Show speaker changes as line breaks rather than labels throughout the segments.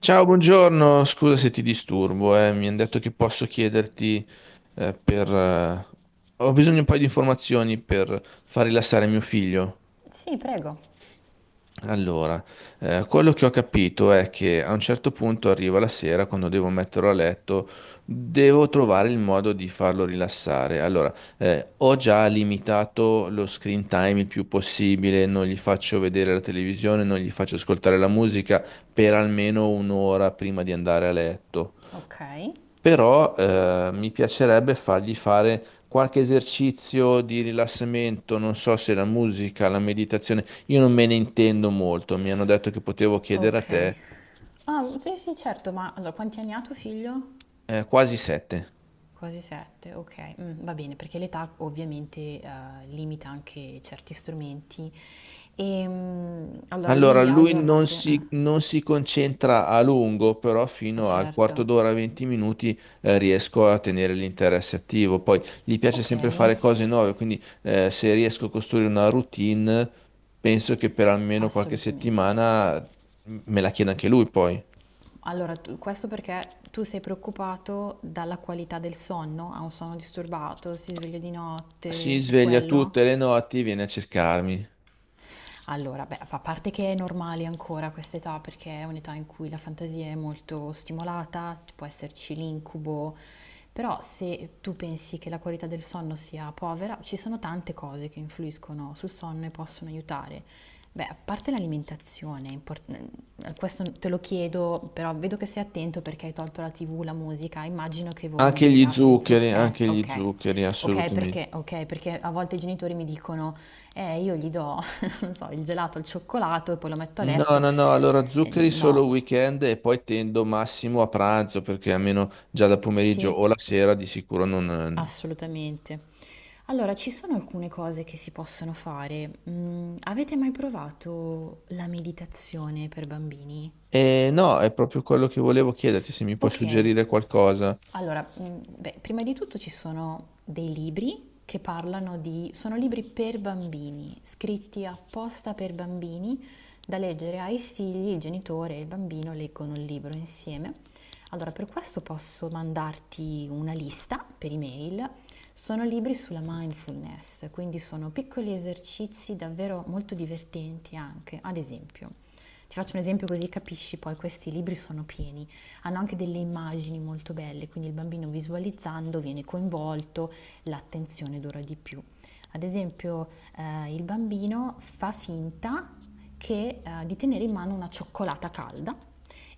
Ciao, buongiorno, scusa se ti disturbo, mi hanno detto che posso chiederti eh, per... eh, Ho bisogno di un paio di informazioni per far rilassare mio figlio.
Sì, prego.
Allora, quello che ho capito è che a un certo punto arriva la sera, quando devo metterlo a letto, devo trovare il modo di farlo rilassare. Allora, ho già limitato lo screen time il più possibile, non gli faccio vedere la televisione, non gli faccio ascoltare la musica per almeno un'ora prima di andare a letto,
Ok.
però mi piacerebbe fargli fare qualche esercizio di rilassamento, non so se la musica, la meditazione, io non me ne intendo molto, mi hanno detto che potevo chiedere a
Ok.
te.
Ah, sì, sì, certo, ma allora quanti anni ha tuo figlio?
Quasi sette.
Quasi 7, ok. Va bene, perché l'età ovviamente limita anche certi strumenti. E, allora
Allora,
lui ha
lui
giornate?
non si concentra a lungo, però fino al quarto
Certo.
d'ora, 20 minuti, riesco a tenere l'interesse attivo. Poi gli piace
Ok,
sempre fare cose nuove, quindi se riesco a costruire una routine, penso che per almeno qualche
assolutamente.
settimana me la chieda anche lui poi.
Allora, questo perché tu sei preoccupato dalla qualità del sonno? Ha un sonno disturbato? Si sveglia di
Si
notte? È
sveglia
quello?
tutte le notti, viene a cercarmi.
Allora, beh, a parte che è normale ancora questa età, perché è un'età in cui la fantasia è molto stimolata, ci può esserci l'incubo, però se tu pensi che la qualità del sonno sia povera, ci sono tante cose che influiscono sul sonno e possono aiutare. Beh, a parte l'alimentazione, è questo te lo chiedo, però vedo che sei attento perché hai tolto la TV, la musica, immagino che voi non gli diate zuc...
Anche gli
Ok.
zuccheri, assolutamente.
Ok, perché a volte i genitori mi dicono, io gli do non so, il gelato al cioccolato e poi lo metto a
No,
letto.
no, no, allora zuccheri solo
No,
weekend e poi tendo massimo a pranzo perché almeno già da pomeriggio
sì,
o la sera di sicuro non...
assolutamente. Allora, ci sono alcune cose che si possono fare. Avete mai provato la meditazione per bambini?
E no, è proprio quello che volevo chiederti, se mi puoi
Ok,
suggerire qualcosa.
allora, beh, prima di tutto ci sono dei libri che parlano di... sono libri per bambini, scritti apposta per bambini, da leggere ai figli, il genitore e il bambino leggono il libro insieme. Allora, per questo posso mandarti una lista per email. Sono libri sulla mindfulness, quindi sono piccoli esercizi davvero molto divertenti anche. Ad esempio, ti faccio un esempio così capisci, poi questi libri sono pieni hanno anche delle immagini molto belle, quindi il bambino visualizzando viene coinvolto, l'attenzione dura di più. Ad esempio, il bambino fa finta di tenere in mano una cioccolata calda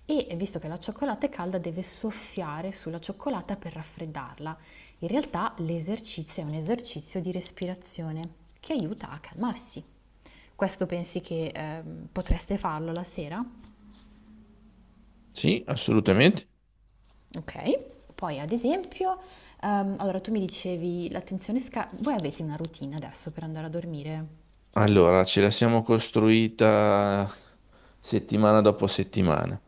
e visto che la cioccolata è calda deve soffiare sulla cioccolata per raffreddarla. In realtà l'esercizio è un esercizio di respirazione che aiuta a calmarsi. Questo pensi che potreste farlo la sera?
Sì, assolutamente.
Okay. Poi ad esempio, allora tu mi dicevi l'attenzione sca voi avete una routine adesso per andare a dormire?
Allora, ce la siamo costruita settimana dopo settimana.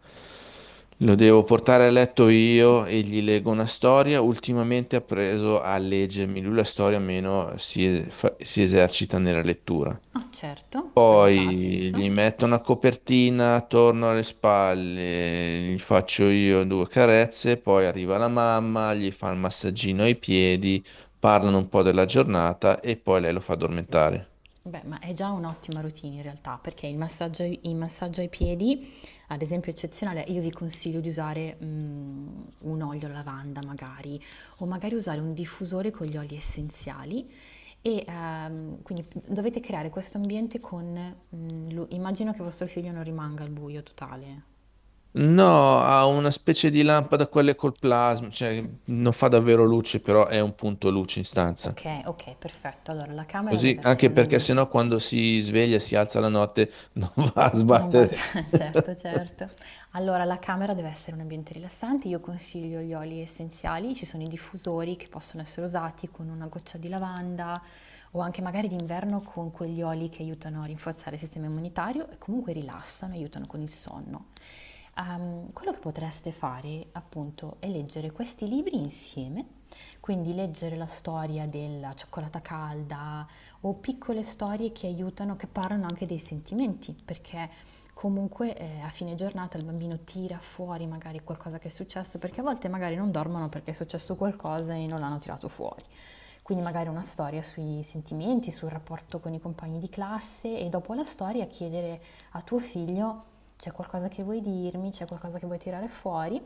Lo devo portare a letto io e gli leggo una storia. Ultimamente ha preso a leggermi lui la storia, meno si esercita nella lettura.
Ah, certo, per l'età ha
Poi
senso.
gli metto una copertina attorno alle spalle, gli faccio io due carezze, poi arriva la mamma, gli fa il massaggino ai piedi, parlano un po' della giornata e poi lei lo fa addormentare.
Beh, ma è già un'ottima routine in realtà, perché il massaggio ai piedi, ad esempio è eccezionale, io vi consiglio di usare, un olio alla lavanda magari, o magari usare un diffusore con gli oli essenziali e, quindi dovete creare questo ambiente con, mhmm, lu immagino che vostro figlio non rimanga al buio totale.
No, ha una specie di lampada, quelle col plasma, cioè non fa davvero luce, però è un punto luce in stanza.
Ok, ok, perfetto. Allora la camera
Così,
deve essere
anche
un
perché sennò
ambiente
quando si sveglia, si alza la notte, non va a
non basta,
sbattere.
certo, certo. Allora, la camera deve essere un ambiente rilassante. Io consiglio gli oli essenziali, ci sono i diffusori che possono essere usati con una goccia di lavanda o anche magari d'inverno con quegli oli che aiutano a rinforzare il sistema immunitario e comunque rilassano, aiutano con il sonno. Quello che potreste fare, appunto, è leggere questi libri insieme, quindi leggere la storia della cioccolata calda o piccole storie che aiutano, che parlano anche dei sentimenti, perché comunque a fine giornata il bambino tira fuori magari qualcosa che è successo, perché a volte magari non dormono perché è successo qualcosa e non l'hanno tirato fuori. Quindi magari una storia sui sentimenti, sul rapporto con i compagni di classe e dopo la storia chiedere a tuo figlio c'è qualcosa che vuoi dirmi, c'è qualcosa che vuoi tirare fuori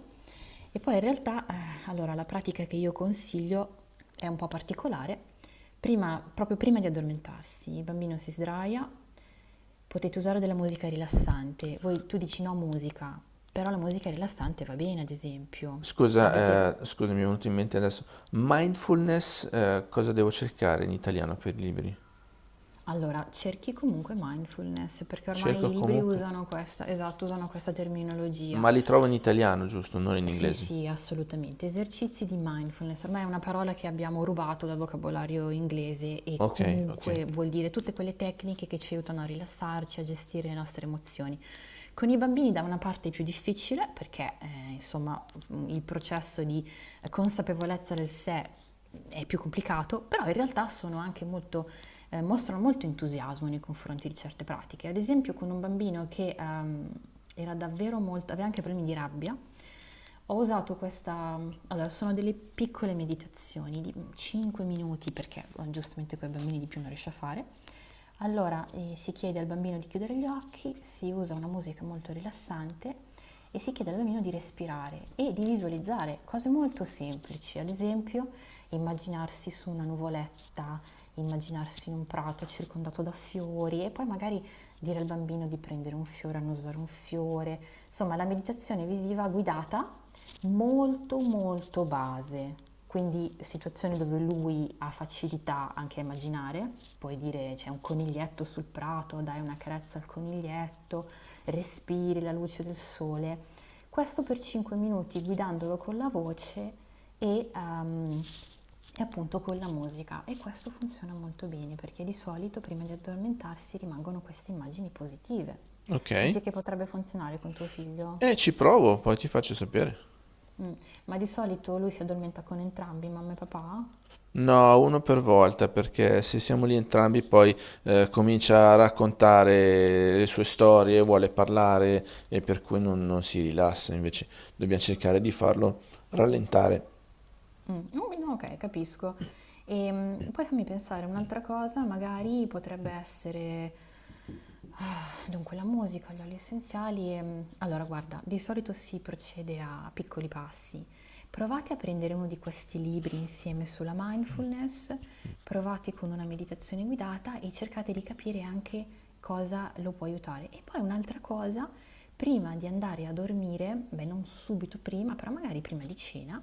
e poi in realtà, allora, la pratica che io consiglio è un po' particolare. Prima, proprio prima di addormentarsi, il bambino si sdraia, potete usare della musica rilassante. Voi, tu dici no musica, però la musica rilassante va bene, ad esempio. Avete,
Scusa, scusa, mi è venuto in mente adesso. Mindfulness, cosa devo cercare in italiano per i libri?
allora, cerchi comunque mindfulness, perché ormai i
Cerco
libri
comunque,
usano questa, esatto, usano questa terminologia.
ma li trovo in italiano, giusto? Non in
Sì,
inglese.
sì, assolutamente. Esercizi di mindfulness, ormai è una parola che abbiamo rubato dal vocabolario inglese e
Ok, ok,
comunque vuol dire tutte quelle tecniche che ci aiutano a rilassarci, a gestire le nostre emozioni. Con i bambini da una parte è più difficile perché insomma il processo di consapevolezza del sé è più complicato, però in realtà sono anche molto mostrano molto entusiasmo nei confronti di certe pratiche. Ad esempio con un bambino che era davvero molto, aveva anche problemi di rabbia, ho usato questa, allora sono delle piccole meditazioni di 5 minuti perché giustamente con i bambini di più non riesce a fare. Allora si chiede al bambino di chiudere gli occhi, si usa una musica molto rilassante e si chiede al bambino di respirare e di visualizzare cose molto semplici, ad esempio immaginarsi su una nuvoletta immaginarsi in un prato circondato da fiori e poi magari dire al bambino di prendere un fiore, annusare un fiore. Insomma, la meditazione visiva guidata molto molto base, quindi situazioni dove lui ha facilità anche a immaginare, puoi dire c'è un coniglietto sul prato, dai una carezza al coniglietto, respiri la luce del sole. Questo per 5 minuti guidandolo con la voce e, ehm, e appunto con la musica e questo funziona molto bene perché di solito prima di addormentarsi rimangono queste immagini positive.
ok.
Pensi che potrebbe funzionare con tuo figlio?
E ci provo, poi ti faccio sapere.
Mm. Ma di solito lui si addormenta con entrambi, mamma e papà?
No, uno per volta, perché se siamo lì entrambi, poi comincia a raccontare le sue storie, vuole parlare e per cui non si rilassa. Invece dobbiamo cercare di farlo rallentare.
Mm, oh, no, ok, capisco. E poi fammi pensare, un'altra cosa magari potrebbe essere... ah, dunque, la musica, gli oli essenziali. Allora, guarda, di solito si procede a piccoli passi. Provate a prendere uno di questi libri insieme sulla mindfulness, provate con una meditazione guidata e cercate di capire anche cosa lo può aiutare. E poi un'altra cosa, prima di andare a dormire, beh, non subito prima, però magari prima di cena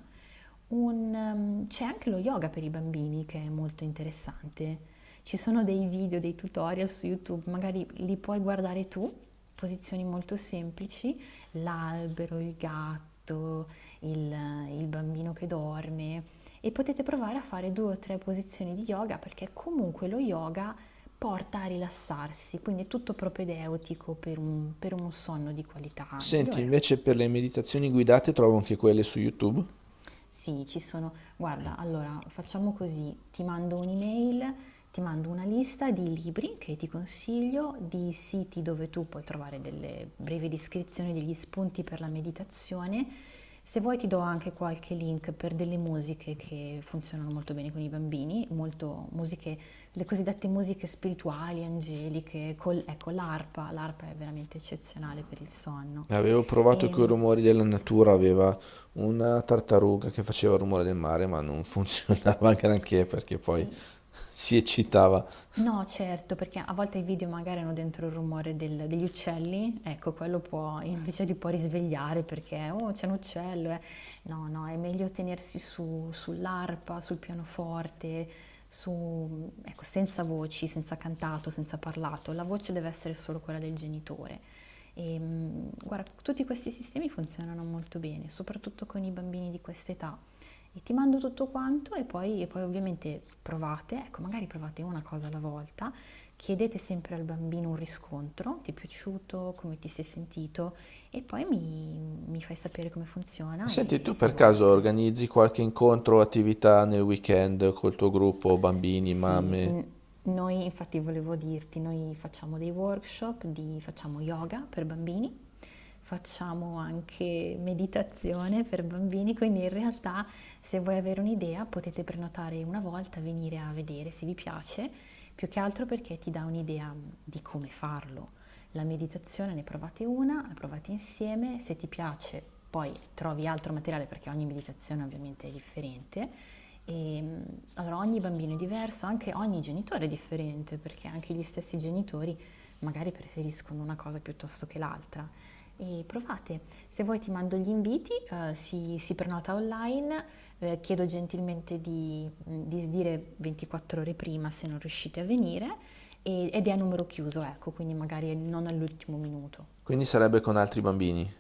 c'è anche lo yoga per i bambini che è molto interessante. Ci sono dei video, dei tutorial su YouTube, magari li puoi guardare tu, posizioni molto semplici, l'albero, il gatto, il, il bambino che dorme e potete provare a fare due o tre posizioni di yoga perché comunque lo yoga porta a rilassarsi, quindi è tutto propedeutico per per uno sonno di qualità
Senti,
migliore.
invece per le meditazioni guidate trovo anche quelle su YouTube.
Sì, ci sono. Guarda, allora facciamo così: ti mando un'email, ti mando una lista di libri che ti consiglio, di siti dove tu puoi trovare delle brevi descrizioni, degli spunti per la meditazione. Se vuoi ti do anche qualche link per delle musiche che funzionano molto bene con i bambini, molto musiche, le cosiddette musiche spirituali, angeliche, ecco l'arpa, l'arpa è veramente eccezionale per il sonno.
Avevo provato
E,
con i rumori della natura, aveva una tartaruga che faceva il rumore del mare, ma non funzionava granché perché poi si eccitava.
No, certo, perché a volte i video magari hanno dentro il rumore degli uccelli, ecco, quello può invece li può risvegliare perché, oh, c'è un uccello. No, no, è meglio tenersi su, sull'arpa, sul pianoforte, su, ecco, senza voci, senza cantato, senza parlato. La voce deve essere solo quella del genitore. E, guarda, tutti questi sistemi funzionano molto bene, soprattutto con i bambini di questa età e ti mando tutto quanto e poi ovviamente provate, ecco magari provate una cosa alla volta, chiedete sempre al bambino un riscontro, ti è piaciuto, come ti sei sentito e poi mi fai sapere come funziona
Senti,
e
tu
se
per
vuoi
caso
altre
organizzi qualche incontro o attività nel weekend col tuo gruppo, bambini,
sì,
mamme?
noi infatti volevo dirti, noi facciamo dei workshop di, facciamo yoga per bambini, facciamo anche meditazione per bambini, quindi in realtà se vuoi avere un'idea potete prenotare una volta, venire a vedere se vi piace, più che altro perché ti dà un'idea di come farlo. La meditazione ne provate una, la provate insieme, se ti piace poi trovi altro materiale perché ogni meditazione ovviamente è differente e, allora ogni bambino è diverso, anche ogni genitore è differente, perché anche gli stessi genitori magari preferiscono una cosa piuttosto che l'altra. E provate, se vuoi ti mando gli inviti, si, si prenota online, chiedo gentilmente di, di sdire 24 ore prima se non riuscite a venire ed è a numero chiuso, ecco, quindi magari non all'ultimo minuto.
Quindi sarebbe con altri bambini.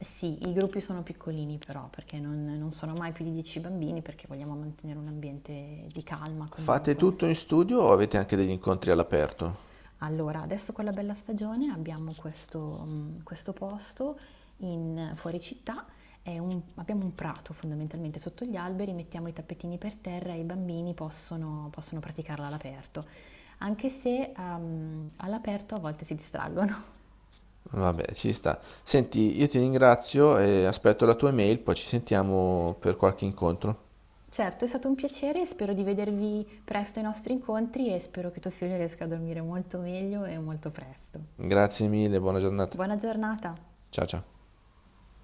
Sì, i gruppi sono piccolini però, perché non sono mai più di 10 bambini, perché vogliamo mantenere un ambiente di calma
Fate
comunque.
tutto in studio o avete anche degli incontri all'aperto?
Allora, adesso con la bella stagione abbiamo questo, questo posto in, fuori città, è abbiamo un prato fondamentalmente sotto gli alberi, mettiamo i tappetini per terra e i bambini possono, possono praticarla all'aperto, anche se all'aperto a volte si distraggono.
Vabbè, ci sta. Senti, io ti ringrazio e aspetto la tua email, poi ci sentiamo per qualche incontro.
Certo, è stato un piacere e spero di vedervi presto ai nostri incontri e spero che tuo figlio riesca a dormire molto meglio e molto presto.
Grazie mille, buona giornata.
Buona giornata!
Ciao ciao.